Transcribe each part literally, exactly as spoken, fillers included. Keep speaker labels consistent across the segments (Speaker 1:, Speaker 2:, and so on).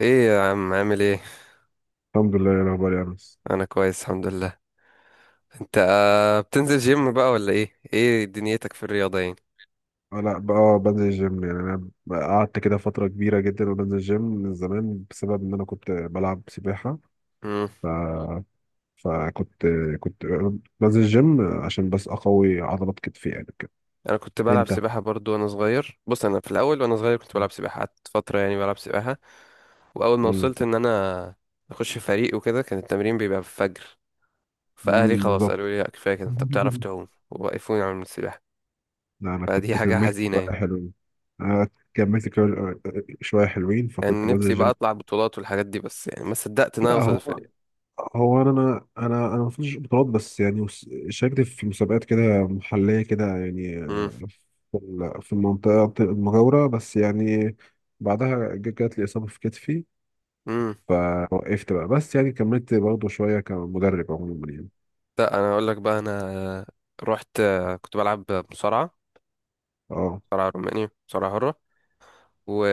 Speaker 1: ايه يا عم، عامل ايه؟
Speaker 2: الحمد لله يا الاخبار يا انس.
Speaker 1: انا كويس، الحمد لله. انت آه، بتنزل جيم بقى، ولا ايه ايه دنيتك في الرياضه يعني؟
Speaker 2: آه، لا بقى، آه، بنزل الجيم يعني انا بقى قعدت كده فتره كبيره جدا وبنزل الجيم من زمان بسبب ان انا كنت بلعب سباحه.
Speaker 1: امم
Speaker 2: ف فكنت كنت بنزل الجيم عشان بس اقوي عضلات كتفي يعني كده.
Speaker 1: انا كنت بلعب
Speaker 2: انت
Speaker 1: سباحه برضو وانا صغير. بص، انا في الاول وانا صغير كنت بلعب سباحه، قعدت فتره يعني بلعب سباحه. واول ما
Speaker 2: مم.
Speaker 1: وصلت ان انا اخش فريق وكده، كان التمرين بيبقى في الفجر. فاهلي
Speaker 2: مم،
Speaker 1: خلاص
Speaker 2: بالظبط.
Speaker 1: قالوا لي لا، كفايه كده، انت بتعرف تعوم، ووقفوني عن السباحه.
Speaker 2: لا انا
Speaker 1: فدي
Speaker 2: كنت
Speaker 1: حاجه
Speaker 2: كملت
Speaker 1: حزينه
Speaker 2: بقى
Speaker 1: يعني.
Speaker 2: حلوين. أنا كملت كده شويه حلوين
Speaker 1: كان
Speaker 2: فكنت بنزل
Speaker 1: نفسي بقى
Speaker 2: الجيم.
Speaker 1: اطلع بطولات والحاجات دي، بس يعني ما صدقت ان انا
Speaker 2: لا
Speaker 1: اوصل
Speaker 2: هو
Speaker 1: الفريق.
Speaker 2: هو انا انا انا انا ما وصلتش بطولات، بس يعني وس- شاركت في مسابقات كده محليه كده يعني، آه، في ال- في المنطقه المجاوره بس يعني. بعدها ج- جات لي اصابه في كتفي
Speaker 1: امم
Speaker 2: فوقفت بقى، بس يعني كملت برضه شويه كمدرب عموما يعني.
Speaker 1: لا، انا اقول لك بقى، انا رحت كنت بلعب مصارعه،
Speaker 2: اه.
Speaker 1: مصارعه روماني، مصارعه حره.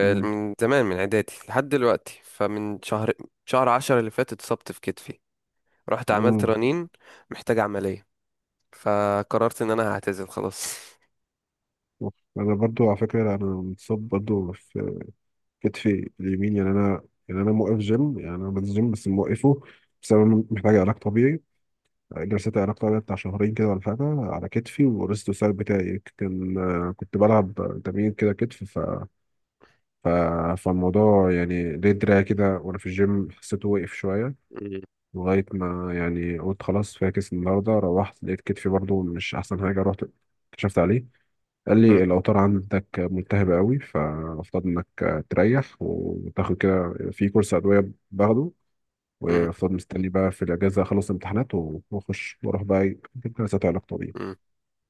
Speaker 2: امم
Speaker 1: زمان، من اعدادي لحد دلوقتي، فمن شهر شهر عشرة اللي فات اتصبت في كتفي. رحت عملت
Speaker 2: امم
Speaker 1: رنين، محتاج عمليه، فقررت ان انا هعتزل خلاص.
Speaker 2: انا برضو على فكره انا متصاب برضو في كتفي اليمين، يعني انا يعني انا موقف جيم، يعني انا بنزل جيم بس موقفه بسبب إن محتاج علاج طبيعي، جلسات علاقة بتاع شهرين كده ولا حاجة على كتفي. ورست السايد بتاعي كان كنت بلعب تمرين كده كتف، ف... ف... فالموضوع يعني ليه دراع كده وأنا في الجيم حسيته وقف شوية
Speaker 1: مم.
Speaker 2: لغاية ما يعني قلت خلاص فاكس النهاردة. روحت لقيت كتفي برضو مش أحسن حاجة، رحت كشفت عليه قال
Speaker 1: مم.
Speaker 2: لي الأوتار عندك ملتهبة قوي، فالمفروض إنك تريح وتاخد كده في كورس أدوية باخده.
Speaker 1: مم.
Speaker 2: وفضل مستني بقى في الاجازه اخلص امتحانات و- واخش واروح بقى جلسات علاج طبيعي.
Speaker 1: مم.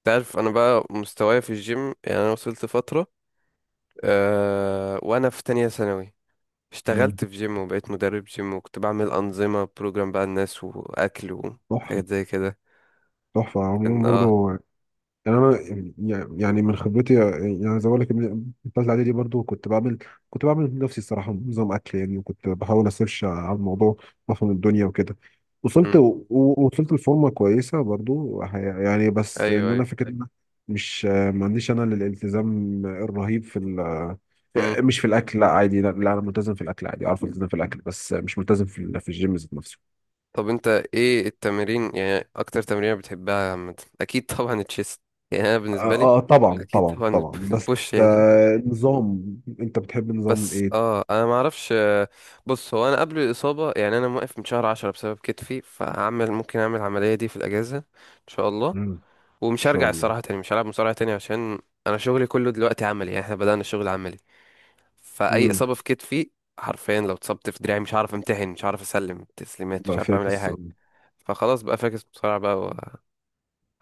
Speaker 1: تعرف، انا بقى مستواي في الجيم، يعني انا وصلت فتره أه وانا في تانية ثانوي
Speaker 2: مم.
Speaker 1: اشتغلت في جيم وبقيت مدرب جيم، وكنت بعمل انظمه، بروجرام بقى الناس، واكل
Speaker 2: تحفة.
Speaker 1: وحاجات زي كده.
Speaker 2: تحفة عموما
Speaker 1: كان اه
Speaker 2: برضو، يعني أنا يعني يعني من خبرتي، يعني زي ما بقول لك من الثالثة إعدادي برضو كنت بعمل كنت بعمل لنفسي الصراحة نظام أكل يعني، وكنت بحاول أسيرش على الموضوع وأفهم الدنيا وكده. وصلت
Speaker 1: مم.
Speaker 2: و- وصلت لفورمة كويسة برضو يعني، بس
Speaker 1: ايوه،
Speaker 2: إن
Speaker 1: ايوه.
Speaker 2: أنا فكرة إن أنا مش، ما عنديش أنا الالتزام الرهيب في ال،
Speaker 1: مم.
Speaker 2: مش في الأكل لا عادي، لا، لا أنا ملتزم في الأكل عادي، أعرف ألتزم في الأكل، بس مش ملتزم في في الجيم ذات نفسه.
Speaker 1: طب، انت ايه التمارين، يعني اكتر تمرين بتحبها عامة؟ اكيد طبعا التشيست، يعني انا بالنسبة
Speaker 2: اه،
Speaker 1: لي
Speaker 2: آه، طبعا
Speaker 1: اكيد
Speaker 2: طبعا
Speaker 1: طبعا
Speaker 2: طبعا بس،
Speaker 1: البوش يعني.
Speaker 2: آه نظام انت بتحب نظام
Speaker 1: بس
Speaker 2: ايه؟
Speaker 1: اه انا ما اعرفش. آه، بص، هو انا قبل الاصابة، يعني انا موقف من شهر عشرة بسبب كتفي، فهعمل، ممكن اعمل العملية دي في الاجازة ان شاء الله.
Speaker 2: مم. ان
Speaker 1: ومش
Speaker 2: شاء
Speaker 1: هرجع
Speaker 2: الله.
Speaker 1: الصراحة تاني، مش هلعب مصارعة تاني، عشان انا شغلي كله دلوقتي عملي، يعني احنا بدأنا الشغل عملي. فاي
Speaker 2: مم.
Speaker 1: اصابه في كتفي، حرفيا لو اتصبت في دراعي، مش هعرف امتحن، مش هعرف اسلم تسليمات، مش
Speaker 2: لا
Speaker 1: عارف اعمل
Speaker 2: فاكس
Speaker 1: اي حاجه.
Speaker 2: الصلاة.
Speaker 1: فخلاص بقى، فاكس بسرعه بقى،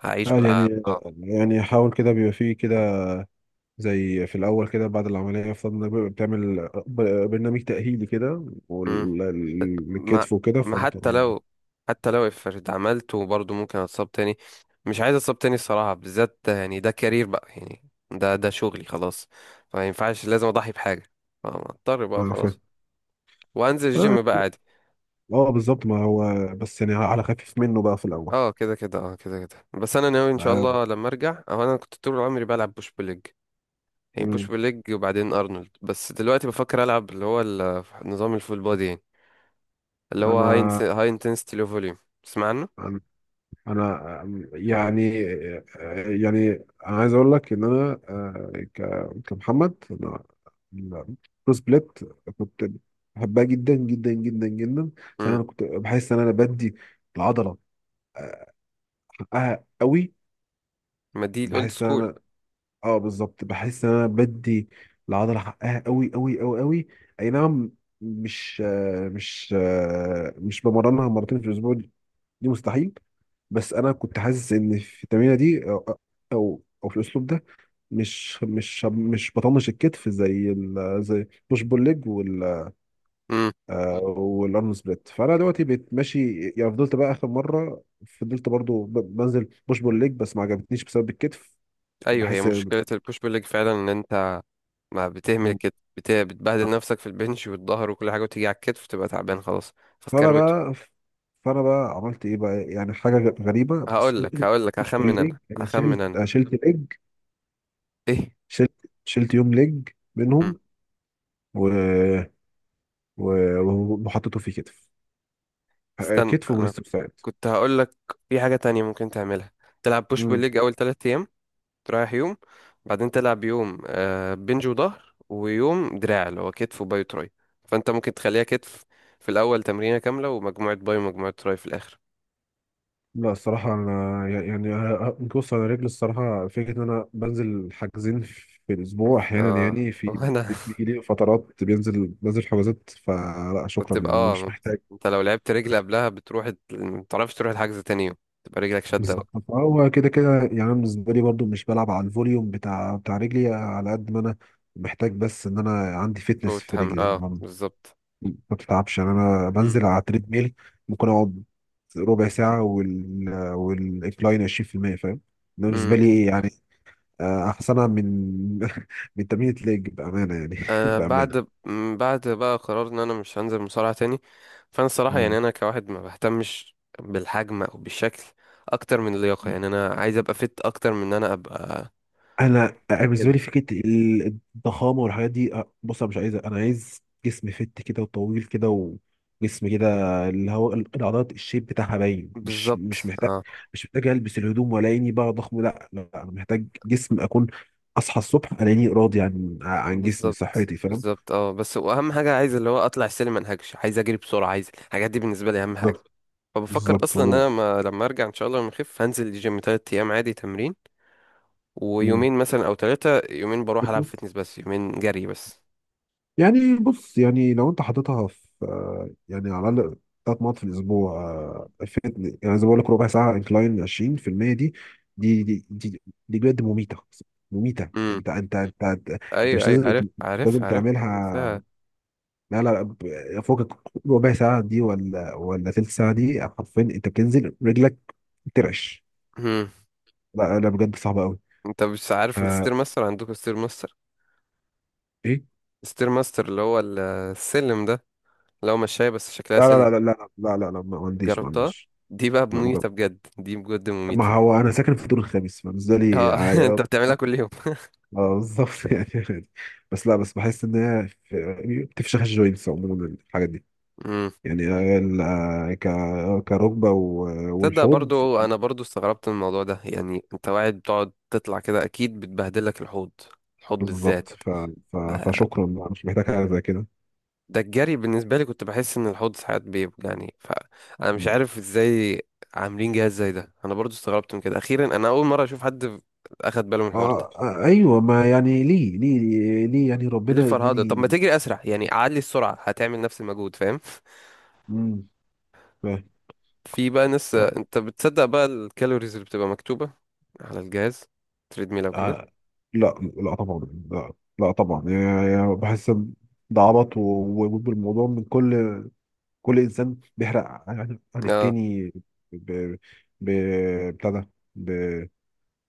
Speaker 1: وهعيش
Speaker 2: آه
Speaker 1: بقى
Speaker 2: يعني،
Speaker 1: اه
Speaker 2: يعني حاول كده بيبقى فيه كده زي في الاول كده، بعد العمليه يفترض انك بيبقى بتعمل ب- برنامج تاهيلي كده
Speaker 1: مم. ما
Speaker 2: والكتف وكده
Speaker 1: ما
Speaker 2: فانت.
Speaker 1: حتى لو حتى لو افرض عملته برضه ممكن اتصاب تاني. مش عايز اتصاب تاني الصراحه، بالذات يعني ده كارير بقى يعني، ده ده شغلي خلاص. فما ينفعش، لازم اضحي بحاجه. آه، اضطر بقى
Speaker 2: اه،
Speaker 1: وخلاص.
Speaker 2: فاهم.
Speaker 1: وانزل
Speaker 2: آه،
Speaker 1: الجيم بقى عادي.
Speaker 2: آه، بالظبط، ما هو بس يعني على خفيف منه بقى في الاول.
Speaker 1: اه، كده كده، اه، كده كده. بس انا ناوي ان شاء
Speaker 2: آه،
Speaker 1: الله لما ارجع، او انا كنت طول عمري بلعب بوش بول ليج، يعني بوش
Speaker 2: مم.
Speaker 1: بليج، وبعدين ارنولد. بس دلوقتي بفكر العب اللي هو ال- نظام الفول بودي يعني. اللي هو هاي
Speaker 2: انا
Speaker 1: هاي انتنسيتي لو فوليوم، تسمع عنه؟
Speaker 2: أنا انا يعني، يعني انا عايز اقول لك ان انا، آه، ك- كمحمد انا البروس بليت كنت بحبها جدا جدا جدا جدا، عشان
Speaker 1: امم
Speaker 2: انا كنت بحس ان انا بدي العضله حقها قوي.
Speaker 1: ما دي الاولد
Speaker 2: بحس ان
Speaker 1: سكول.
Speaker 2: انا، اه بالظبط، بحس ان انا بدي العضله حقها قوي قوي قوي قوي. اي نعم، مش آه، مش آه، مش بمرنها مرتين في الاسبوع دي، مستحيل. بس انا كنت حاسس ان في التمرينه دي او، او أو في الاسلوب ده مش مش مش بطنش الكتف، زي ال زي بوش بول ليج وال،
Speaker 1: امم،
Speaker 2: آه، والارم سبليت. فانا دلوقتي بقيت ماشي يعني. فضلت بقى اخر مره فضلت برضو ب- بنزل بوش بول ليج بس ما عجبتنيش بسبب الكتف.
Speaker 1: ايوه، هي
Speaker 2: بحس،
Speaker 1: مشكله البوش بليج فعلا ان انت ما بتهمل كده، بت- بتبهدل نفسك في البنش والظهر وكل حاجه، وتيجي على الكتف تبقى تعبان خلاص.
Speaker 2: فانا
Speaker 1: فتكروته.
Speaker 2: بقى فانا بقى عملت ايه بقى يعني حاجه غ- غريبه بس.
Speaker 1: هقول لك هقول لك،
Speaker 2: مش
Speaker 1: هخمن
Speaker 2: بالليج،
Speaker 1: انا
Speaker 2: انا
Speaker 1: هخمن
Speaker 2: شلت
Speaker 1: انا
Speaker 2: أنا شلت ليج،
Speaker 1: ايه.
Speaker 2: شلت، شلت يوم ليج
Speaker 1: مم.
Speaker 2: منهم، و- وهو- وحطيته في كتف. آه،
Speaker 1: استنى،
Speaker 2: كتف
Speaker 1: انا
Speaker 2: وبريست فلات.
Speaker 1: كنت هقول لك في حاجه تانية ممكن تعملها. تلعب بوش بول
Speaker 2: امم
Speaker 1: ليج اول ثلاثة، تريح يوم، بعدين تلعب يوم آه، بنج وظهر، ويوم دراع اللي هو كتف وباي وتراي. فانت ممكن تخليها كتف في الاول، تمرينه كامله، ومجموعه باي ومجموعه تراي في الاخر.
Speaker 2: لا الصراحة أنا يعني، آه، بص أنا رجلي الصراحة فكرة إن أنا بنزل حاجزين في الأسبوع أحيانا
Speaker 1: اه،
Speaker 2: يعني. في
Speaker 1: وانا
Speaker 2: بيجي لي فترات بينزل بنزل حجازات، فلا شكرا
Speaker 1: وبتبقى
Speaker 2: يعني، أنا
Speaker 1: اه، ما
Speaker 2: مش
Speaker 1: بت-
Speaker 2: محتاج.
Speaker 1: انت لو لعبت رجل قبلها بتروح ال- ما بتعرفش تروح الحجز تاني يوم، تبقى رجلك شده بقى
Speaker 2: بالظبط. فهو كده كده يعني أنا بالنسبة لي برضو مش بلعب على الفوليوم بتاع بتاع رجلي على قد ما أنا محتاج، بس إن أنا عندي فتنس في
Speaker 1: وتحمل.
Speaker 2: رجلي
Speaker 1: اه،
Speaker 2: ما
Speaker 1: بالظبط.
Speaker 2: بتتعبش. يعني انا بنزل على تريد ميل ممكن اقعد ربع ساعه وال والانكلاين عشرين في المية، فاهم؟ ده بالنسبه
Speaker 1: مم.
Speaker 2: لي يعني، آه، احسنها من من تمرين الليج بامانه يعني.
Speaker 1: انا
Speaker 2: بامانه.
Speaker 1: بعد، م- بعد بقى قرار ان انا مش هنزل مصارعة تاني. فانا الصراحة
Speaker 2: آه.
Speaker 1: يعني انا كواحد ما بهتمش بالحجم او بالشكل اكتر من اللياقة، يعني انا عايز ابقى فت اكتر من ان انا ابقى
Speaker 2: انا أنا بالنسبه لي
Speaker 1: كده.
Speaker 2: فكره ال- الضخامه والحاجات دي، أه، بص انا مش عايز، انا عايز جسم فت كده وطويل كده وجسم كده، اللي هو ال- العضلات الشيب بتاعها باين، مش مش
Speaker 1: بالظبط،
Speaker 2: محتاج.
Speaker 1: اه،
Speaker 2: مش محتاج البس الهدوم ولا اني بقى ضخم. لا لا، انا محتاج جسم اكون اصحى الصبح الاقيني راضي عن عن جسمي،
Speaker 1: بالظبط،
Speaker 2: صحتي، فاهم؟
Speaker 1: بالظبط. اه، بس واهم حاجة عايز اللي هو اطلع السلم ما انهكش، عايز اجري بسرعة، عايز الحاجات دي، بالنسبة لي اهم حاجة.
Speaker 2: بالظبط
Speaker 1: فبفكر
Speaker 2: بالظبط،
Speaker 1: اصلا ان
Speaker 2: هو
Speaker 1: انا ما لما ارجع ان شاء الله، لما اخف، هنزل الجيم تلات ايام عادي تمرين،
Speaker 2: مم،
Speaker 1: ويومين مثلا، او ثلاثة، يومين بروح العب فيتنس، بس يومين جري بس.
Speaker 2: يعني بص يعني لو انت حاططها في، آه، يعني على الاقل ثلاث مرات في الاسبوع، آه، فيت- يعني زي ما بقول لك ربع ساعه انكلاين عشرين في المية دي، دي دي دي, دي بجد مميته، مميته انت انت انت انت, انت
Speaker 1: ايوه،
Speaker 2: مش
Speaker 1: ايوه،
Speaker 2: لازم، انت
Speaker 1: عارف،
Speaker 2: مش
Speaker 1: عارف،
Speaker 2: لازم
Speaker 1: عارف، عارف
Speaker 2: تعملها.
Speaker 1: ده.
Speaker 2: لا لا، ب- فوق ربع ساعه دي، ولا ولا ثلث ساعه دي، حرفيا انت بتنزل رجلك ترعش.
Speaker 1: مم.
Speaker 2: لا لا بجد، صعبه قوي.
Speaker 1: انت مش
Speaker 2: طب
Speaker 1: عارف
Speaker 2: آه،
Speaker 1: الستير ماستر؟ عندكم ستير ماستر؟
Speaker 2: ايه.
Speaker 1: ستير ماستر اللي هو ال- السلم ده، اللي هو مشاية بس شكلها
Speaker 2: لا
Speaker 1: سلم.
Speaker 2: لا لا لا لا لا لا, لا، ما ما عنديش، ما
Speaker 1: جربتها؟
Speaker 2: عنديش
Speaker 1: دي بقى
Speaker 2: لا، ما
Speaker 1: مميتة بجد، دي بجد مميتة.
Speaker 2: ما هو انا ساكن في الدور الخامس فبالنسبه لي
Speaker 1: اه
Speaker 2: عادي.
Speaker 1: انت
Speaker 2: اه،
Speaker 1: بتعملها كل يوم؟
Speaker 2: آه، بالظبط. يعني عادي. بس لا، بس بحس ان هي في- بتفشخ الجوينتس عموما الحاجات دي،
Speaker 1: مم.
Speaker 2: يعني ال- آه، ك كركبه و-
Speaker 1: تصدق،
Speaker 2: والحوض.
Speaker 1: برضو انا برضو استغربت من الموضوع ده، يعني انت واحد بتقعد تطلع كده اكيد بتبهدلك الحوض، الحوض
Speaker 2: بالظبط،
Speaker 1: بالذات.
Speaker 2: ف... ف... فشكرا بقى، مش محتاج حاجه زي كده.
Speaker 1: ده الجري بالنسبة لي كنت بحس إن الحوض ساعات بيوجعني، فأنا مش عارف إزاي عاملين جهاز زي ده. أنا برضو استغربت من كده، أخيرا أنا أول مرة أشوف حد أخد باله من الحوار ده.
Speaker 2: آه آه، ايوه ما يعني ليه ليه ليه، يعني
Speaker 1: ليه
Speaker 2: ربنا
Speaker 1: الفرهدة؟ طب ما
Speaker 2: اداني.
Speaker 1: تجري أسرع، يعني أعلي السرعة هتعمل نفس المجهود، فاهم؟
Speaker 2: مم، فاهم.
Speaker 1: في بقى ناس،
Speaker 2: آه
Speaker 1: أنت بتصدق بقى الكالوريز اللي بتبقى مكتوبة على الجهاز، تريدميل أو كده؟
Speaker 2: آه، لا لا طبعا، لا لا طبعا، يعني يعني بحس إن ده عبط، و- و- والموضوع من كل، كل انسان بيحرق عن, عن
Speaker 1: اه
Speaker 2: التاني ب... ب... بتاع ده ب...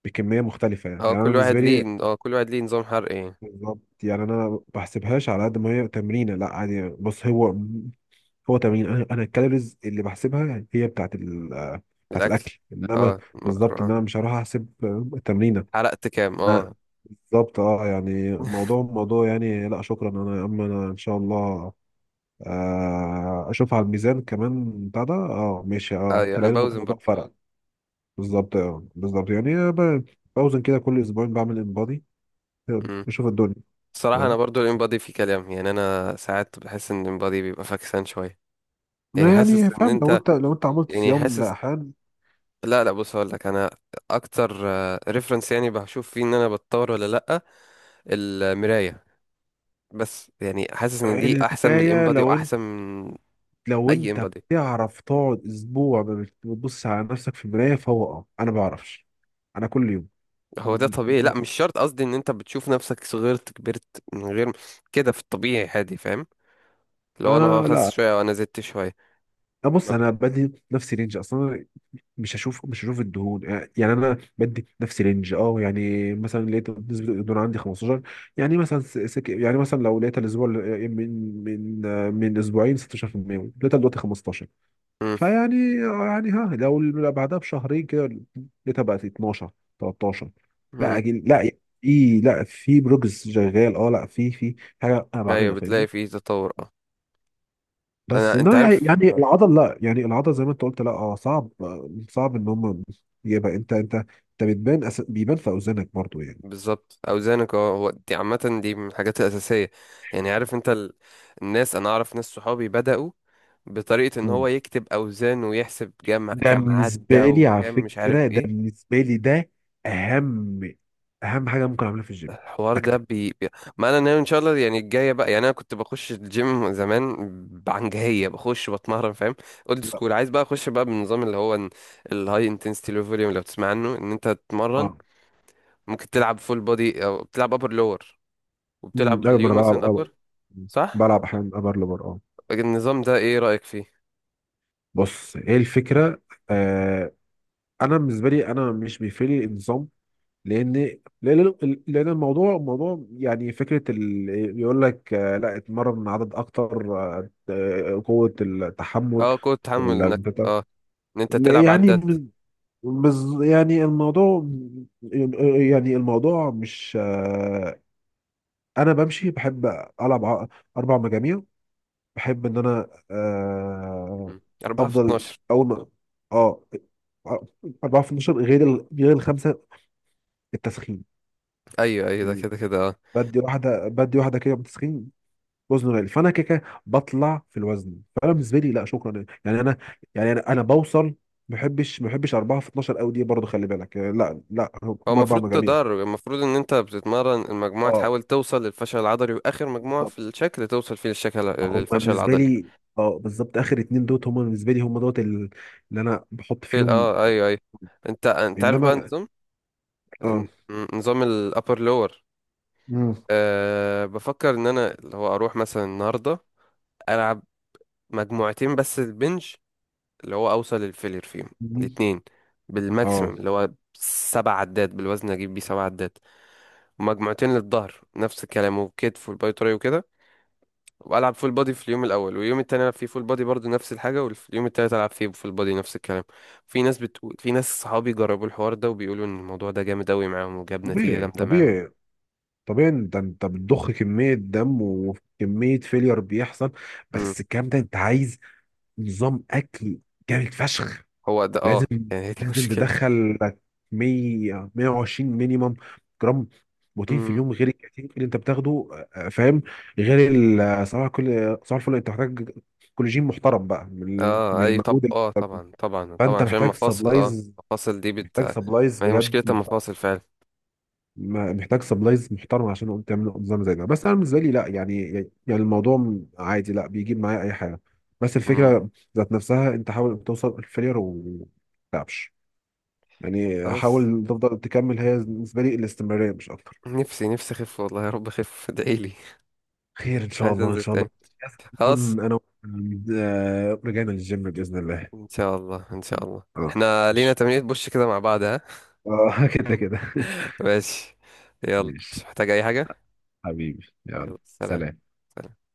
Speaker 2: بكميه مختلفه يعني
Speaker 1: اه
Speaker 2: يعني انا
Speaker 1: كل واحد
Speaker 2: بالنسبه
Speaker 1: ليه،
Speaker 2: لي،
Speaker 1: اه كل واحد ليه نظام حرق ايه.
Speaker 2: بالظبط، يعني انا ما بحسبهاش على قد ما هي تمرينه، لا عادي. بص هو هو تمرين، انا انا الكالوريز اللي بحسبها هي بتاعت ال... بتاعت
Speaker 1: الأكل.
Speaker 2: الاكل، انما
Speaker 1: اه مكرو.
Speaker 2: بالظبط،
Speaker 1: اه
Speaker 2: ان انا مش هروح احسب التمرينه.
Speaker 1: حرقت كام.
Speaker 2: أنا-
Speaker 1: اه
Speaker 2: بالظبط اه، يعني موضوع موضوع يعني، لا شكرا انا يا عم، انا ان شاء الله، آه، اشوف على الميزان كمان بتاع ده. اه ماشي، اه
Speaker 1: اه يعني
Speaker 2: تلاقي الم-
Speaker 1: بوزن
Speaker 2: الموضوع
Speaker 1: برضه.
Speaker 2: فرق. بالظبط، اه بالظبط يعني، ب- باوزن كده كل اسبوعين بعمل انبادي بشوف الدنيا.
Speaker 1: الصراحة أنا
Speaker 2: تمام.
Speaker 1: برضو الإمبادي في كلام، يعني أنا ساعات بحس إن الإمبادي بيبقى فاكسان شوية. يعني
Speaker 2: لا،
Speaker 1: حاسس
Speaker 2: يعني
Speaker 1: إن
Speaker 2: فاهم، لو
Speaker 1: أنت،
Speaker 2: انت لو انت عملت
Speaker 1: يعني
Speaker 2: صيام
Speaker 1: حاسس،
Speaker 2: لأحيان.
Speaker 1: لا، لا، بص هقول لك أنا. أكتر ريفرنس يعني بشوف فيه إن أنا بتطور ولا لأ، المراية. بس يعني حاسس إن دي أحسن من
Speaker 2: الباية،
Speaker 1: الإمبادي
Speaker 2: لو انت
Speaker 1: وأحسن من
Speaker 2: لو
Speaker 1: أي
Speaker 2: انت
Speaker 1: إمبادي.
Speaker 2: بتعرف تقعد اسبوع ما بت- بتبص على نفسك في المراية فهو اه انا بعرفش. انا كل يوم.
Speaker 1: هو ده طبيعي، لا، مش شرط، قصدي إن أنت بتشوف نفسك صغرت كبرت من غير كده، في الطبيعي عادي، فاهم؟ لو أنا
Speaker 2: انا
Speaker 1: خس
Speaker 2: لا،
Speaker 1: شوية وأنا زدت شوية.
Speaker 2: بص
Speaker 1: ما
Speaker 2: انا
Speaker 1: بح...
Speaker 2: بدي نفسي رينج اصلا، مش هشوف مش هشوف الدهون، آه، يعني انا بدي نفس رينج اه. يعني مثلا لقيت نسبه الدهون عندي خمسة عشر، يعني مثلا س- سك... يعني مثلا لو لقيت الاسبوع ال- آه، من من آه، من اسبوعين ستاشر في المية لقيتها دلوقتي خمستاشر،
Speaker 1: مم.
Speaker 2: فيعني، آه، يعني ها لو لو بعدها بشهرين كده لقيتها بقت اتناشر، تلتاشر. لا
Speaker 1: مم.
Speaker 2: أجل لا، في، لا في بروجرس شغال. اه لا، في في حاجه انا
Speaker 1: أيوه،
Speaker 2: بعملها،
Speaker 1: بتلاقي
Speaker 2: فاهمني؟
Speaker 1: فيه تطور. أه
Speaker 2: بس
Speaker 1: أنا، أنت
Speaker 2: ما يعني،
Speaker 1: عارف.
Speaker 2: يعني
Speaker 1: آه.
Speaker 2: العضل لا، يعني العضل زي ما انت قلت، لا اه صعب، آه، صعب ان هم يبقى انت، انت انت بتبان أس... بيبان في اوزانك برضو يعني.
Speaker 1: بالظبط، اوزانك. اه هو دي عامه، دي من الحاجات الاساسيه، يعني. عارف انت ال... الناس، انا اعرف ناس صحابي بداوا بطريقه ان هو
Speaker 2: مم.
Speaker 1: يكتب اوزان، ويحسب جم...
Speaker 2: ده
Speaker 1: كام عدى
Speaker 2: بالنسبه لي على
Speaker 1: وكام، مش عارف
Speaker 2: فكره، ده
Speaker 1: ايه.
Speaker 2: بالنسبه لي ده اهم، اهم حاجه ممكن اعملها في الجيم،
Speaker 1: الحوار ده.
Speaker 2: اكتب.
Speaker 1: بي... بي... ما انا ناوي ان شاء الله يعني الجايه بقى، يعني انا كنت بخش الجيم زمان بعنجهيه، بخش بتمرن فاهم، اولد سكول. عايز بقى اخش بقى بالنظام اللي هو الهاي انتنسيتي لو فوليوم، لو تسمع عنه، ان انت تتمرن
Speaker 2: اه.
Speaker 1: ممكن تلعب فول بودي، او بتلعب ابر لور،
Speaker 2: امم
Speaker 1: وبتلعب
Speaker 2: ايوه ما انا
Speaker 1: اليوم
Speaker 2: بلعب.
Speaker 1: مثلا
Speaker 2: آه.
Speaker 1: ابر. صح؟
Speaker 2: بلعب احيانا ابر لبر اه.
Speaker 1: طيب، النظام ده ايه رأيك فيه؟
Speaker 2: بص ايه الفكره. آه انا بالنسبه لي انا مش بيفرق لي النظام، لان لان لان الموضوع موضوع يعني. فكره ال... يقول لك، آه، لا اتمرن عدد اكتر، آه، آه، قوه التحمل
Speaker 1: اه، قوة تحمل،
Speaker 2: ولا
Speaker 1: انك
Speaker 2: بتاع،
Speaker 1: اه ان انت تلعب
Speaker 2: يعني
Speaker 1: عداد.
Speaker 2: بز... يعني الموضوع، يعني الموضوع مش، آه، انا بمشي، بحب العب ع- اربع مجاميع. بحب ان انا، آه،
Speaker 1: مم. أربعة في
Speaker 2: افضل
Speaker 1: اتناشر.
Speaker 2: اول ما، اه، اربعتاشر، غير ال... غير الخمسه التسخين
Speaker 1: ايوه، ايوه، ده
Speaker 2: يعني.
Speaker 1: كده كده اه.
Speaker 2: بدي واحده، بدي واحده كده بتسخين وزنه غالي، فانا كده كده بطلع في الوزن. فانا بالنسبه لي لا شكرا يعني انا، يعني انا انا بوصل. ما بحبش، ما بحبش اربعة في اتناشر قوي دي برضه، خلي بالك يعني، لا لا.
Speaker 1: هو
Speaker 2: هم اربع
Speaker 1: المفروض
Speaker 2: مجاميع،
Speaker 1: تدرج، المفروض ان انت بتتمرن المجموعة
Speaker 2: اه
Speaker 1: تحاول توصل للفشل العضلي، واخر مجموعة في
Speaker 2: بالظبط.
Speaker 1: الشكل توصل فيه للشكل،
Speaker 2: هم
Speaker 1: للفشل
Speaker 2: بالنسبه
Speaker 1: العضلي.
Speaker 2: لي، اه بالظبط، اخر اتنين دوت هم بالنسبه لي، هم دوت ال- اللي انا بحط
Speaker 1: في ال-
Speaker 2: فيهم.
Speaker 1: اه ايوه، ايوه. انت انت عارف
Speaker 2: انما،
Speaker 1: بقى نظام،
Speaker 2: اه.
Speaker 1: ن- نظام الابر لور.
Speaker 2: مم.
Speaker 1: أه بفكر ان انا اللي هو اروح مثلا النهارده العب مجموعتين بس البنج، اللي هو اوصل للفيلير فيهم
Speaker 2: مم.
Speaker 1: الاتنين،
Speaker 2: اه
Speaker 1: بالماكسيمم اللي هو سبع عدات، بالوزن اجيب بيه سبع عدات. ومجموعتين للظهر نفس الكلام، وكتف، والباي تراي وكده. والعب فول بودي في اليوم الاول، واليوم التاني العب فيه فول بودي برضه نفس الحاجه، واليوم التالت العب فيه فول بودي نفس الكلام. في ناس بتقول، في ناس صحابي جربوا الحوار ده، وبيقولوا ان الموضوع ده جامد قوي معاهم وجاب نتيجه
Speaker 2: طبيعي
Speaker 1: جامده معاهم.
Speaker 2: طبيعي، طبيعي. ده انت بتضخ كميه دم وكميه فيلير بيحصل،
Speaker 1: امم
Speaker 2: بس الكلام ده انت عايز نظام اكل جامد فشخ.
Speaker 1: هو ده، اه
Speaker 2: لازم
Speaker 1: يعني هي دي
Speaker 2: لازم
Speaker 1: مشكلته.
Speaker 2: تدخل لك مية، مية وعشرين مينيمم جرام بروتين في
Speaker 1: امم
Speaker 2: اليوم، غير الكاتين اللي انت بتاخده. آه، فاهم؟ غير ال- صباح، كل صباح الفل انت محتاج كولاجين محترم بقى من ال-
Speaker 1: اه
Speaker 2: من
Speaker 1: اي طب،
Speaker 2: المجهود اللي-
Speaker 1: اه طبعا طبعا طبعا،
Speaker 2: فانت
Speaker 1: عشان
Speaker 2: محتاج
Speaker 1: المفاصل. اه
Speaker 2: سبلايز.
Speaker 1: المفاصل دي بت
Speaker 2: محتاج سبلايز
Speaker 1: ما هي
Speaker 2: بجد
Speaker 1: مشكله
Speaker 2: محترم.
Speaker 1: المفاصل فعلا.
Speaker 2: ما- محتاج سبلايز محترم عشان اقوم تعمل نظام زي ده. بس انا بالنسبه لي لا يعني، يعني الموضوع عادي لا بيجيب معايا اي حاجه. بس
Speaker 1: مم.
Speaker 2: الفكره ذات نفسها، انت حاول توصل الفيلير وما تتعبش، يعني
Speaker 1: خلاص،
Speaker 2: حاول تفضل تكمل. هي بالنسبه لي الاستمراريه مش اكتر.
Speaker 1: نفسي نفسي اخف، والله يا رب اخف ادعيلي.
Speaker 2: خير ان شاء
Speaker 1: عايز
Speaker 2: الله، ان
Speaker 1: انزل
Speaker 2: شاء الله
Speaker 1: تاني خلاص،
Speaker 2: نكون انا و- آه، رجعنا للجيم باذن الله.
Speaker 1: ان شاء الله، ان شاء الله
Speaker 2: اه
Speaker 1: احنا لينا
Speaker 2: ماشي.
Speaker 1: تمرينة بوش كده مع بعض، ها.
Speaker 2: اه كده كده.
Speaker 1: ماشي. يلا، مش
Speaker 2: ماشي،
Speaker 1: محتاج اي حاجة.
Speaker 2: حبيبي يلا،
Speaker 1: يلا، سلام.
Speaker 2: سلام.
Speaker 1: سلام.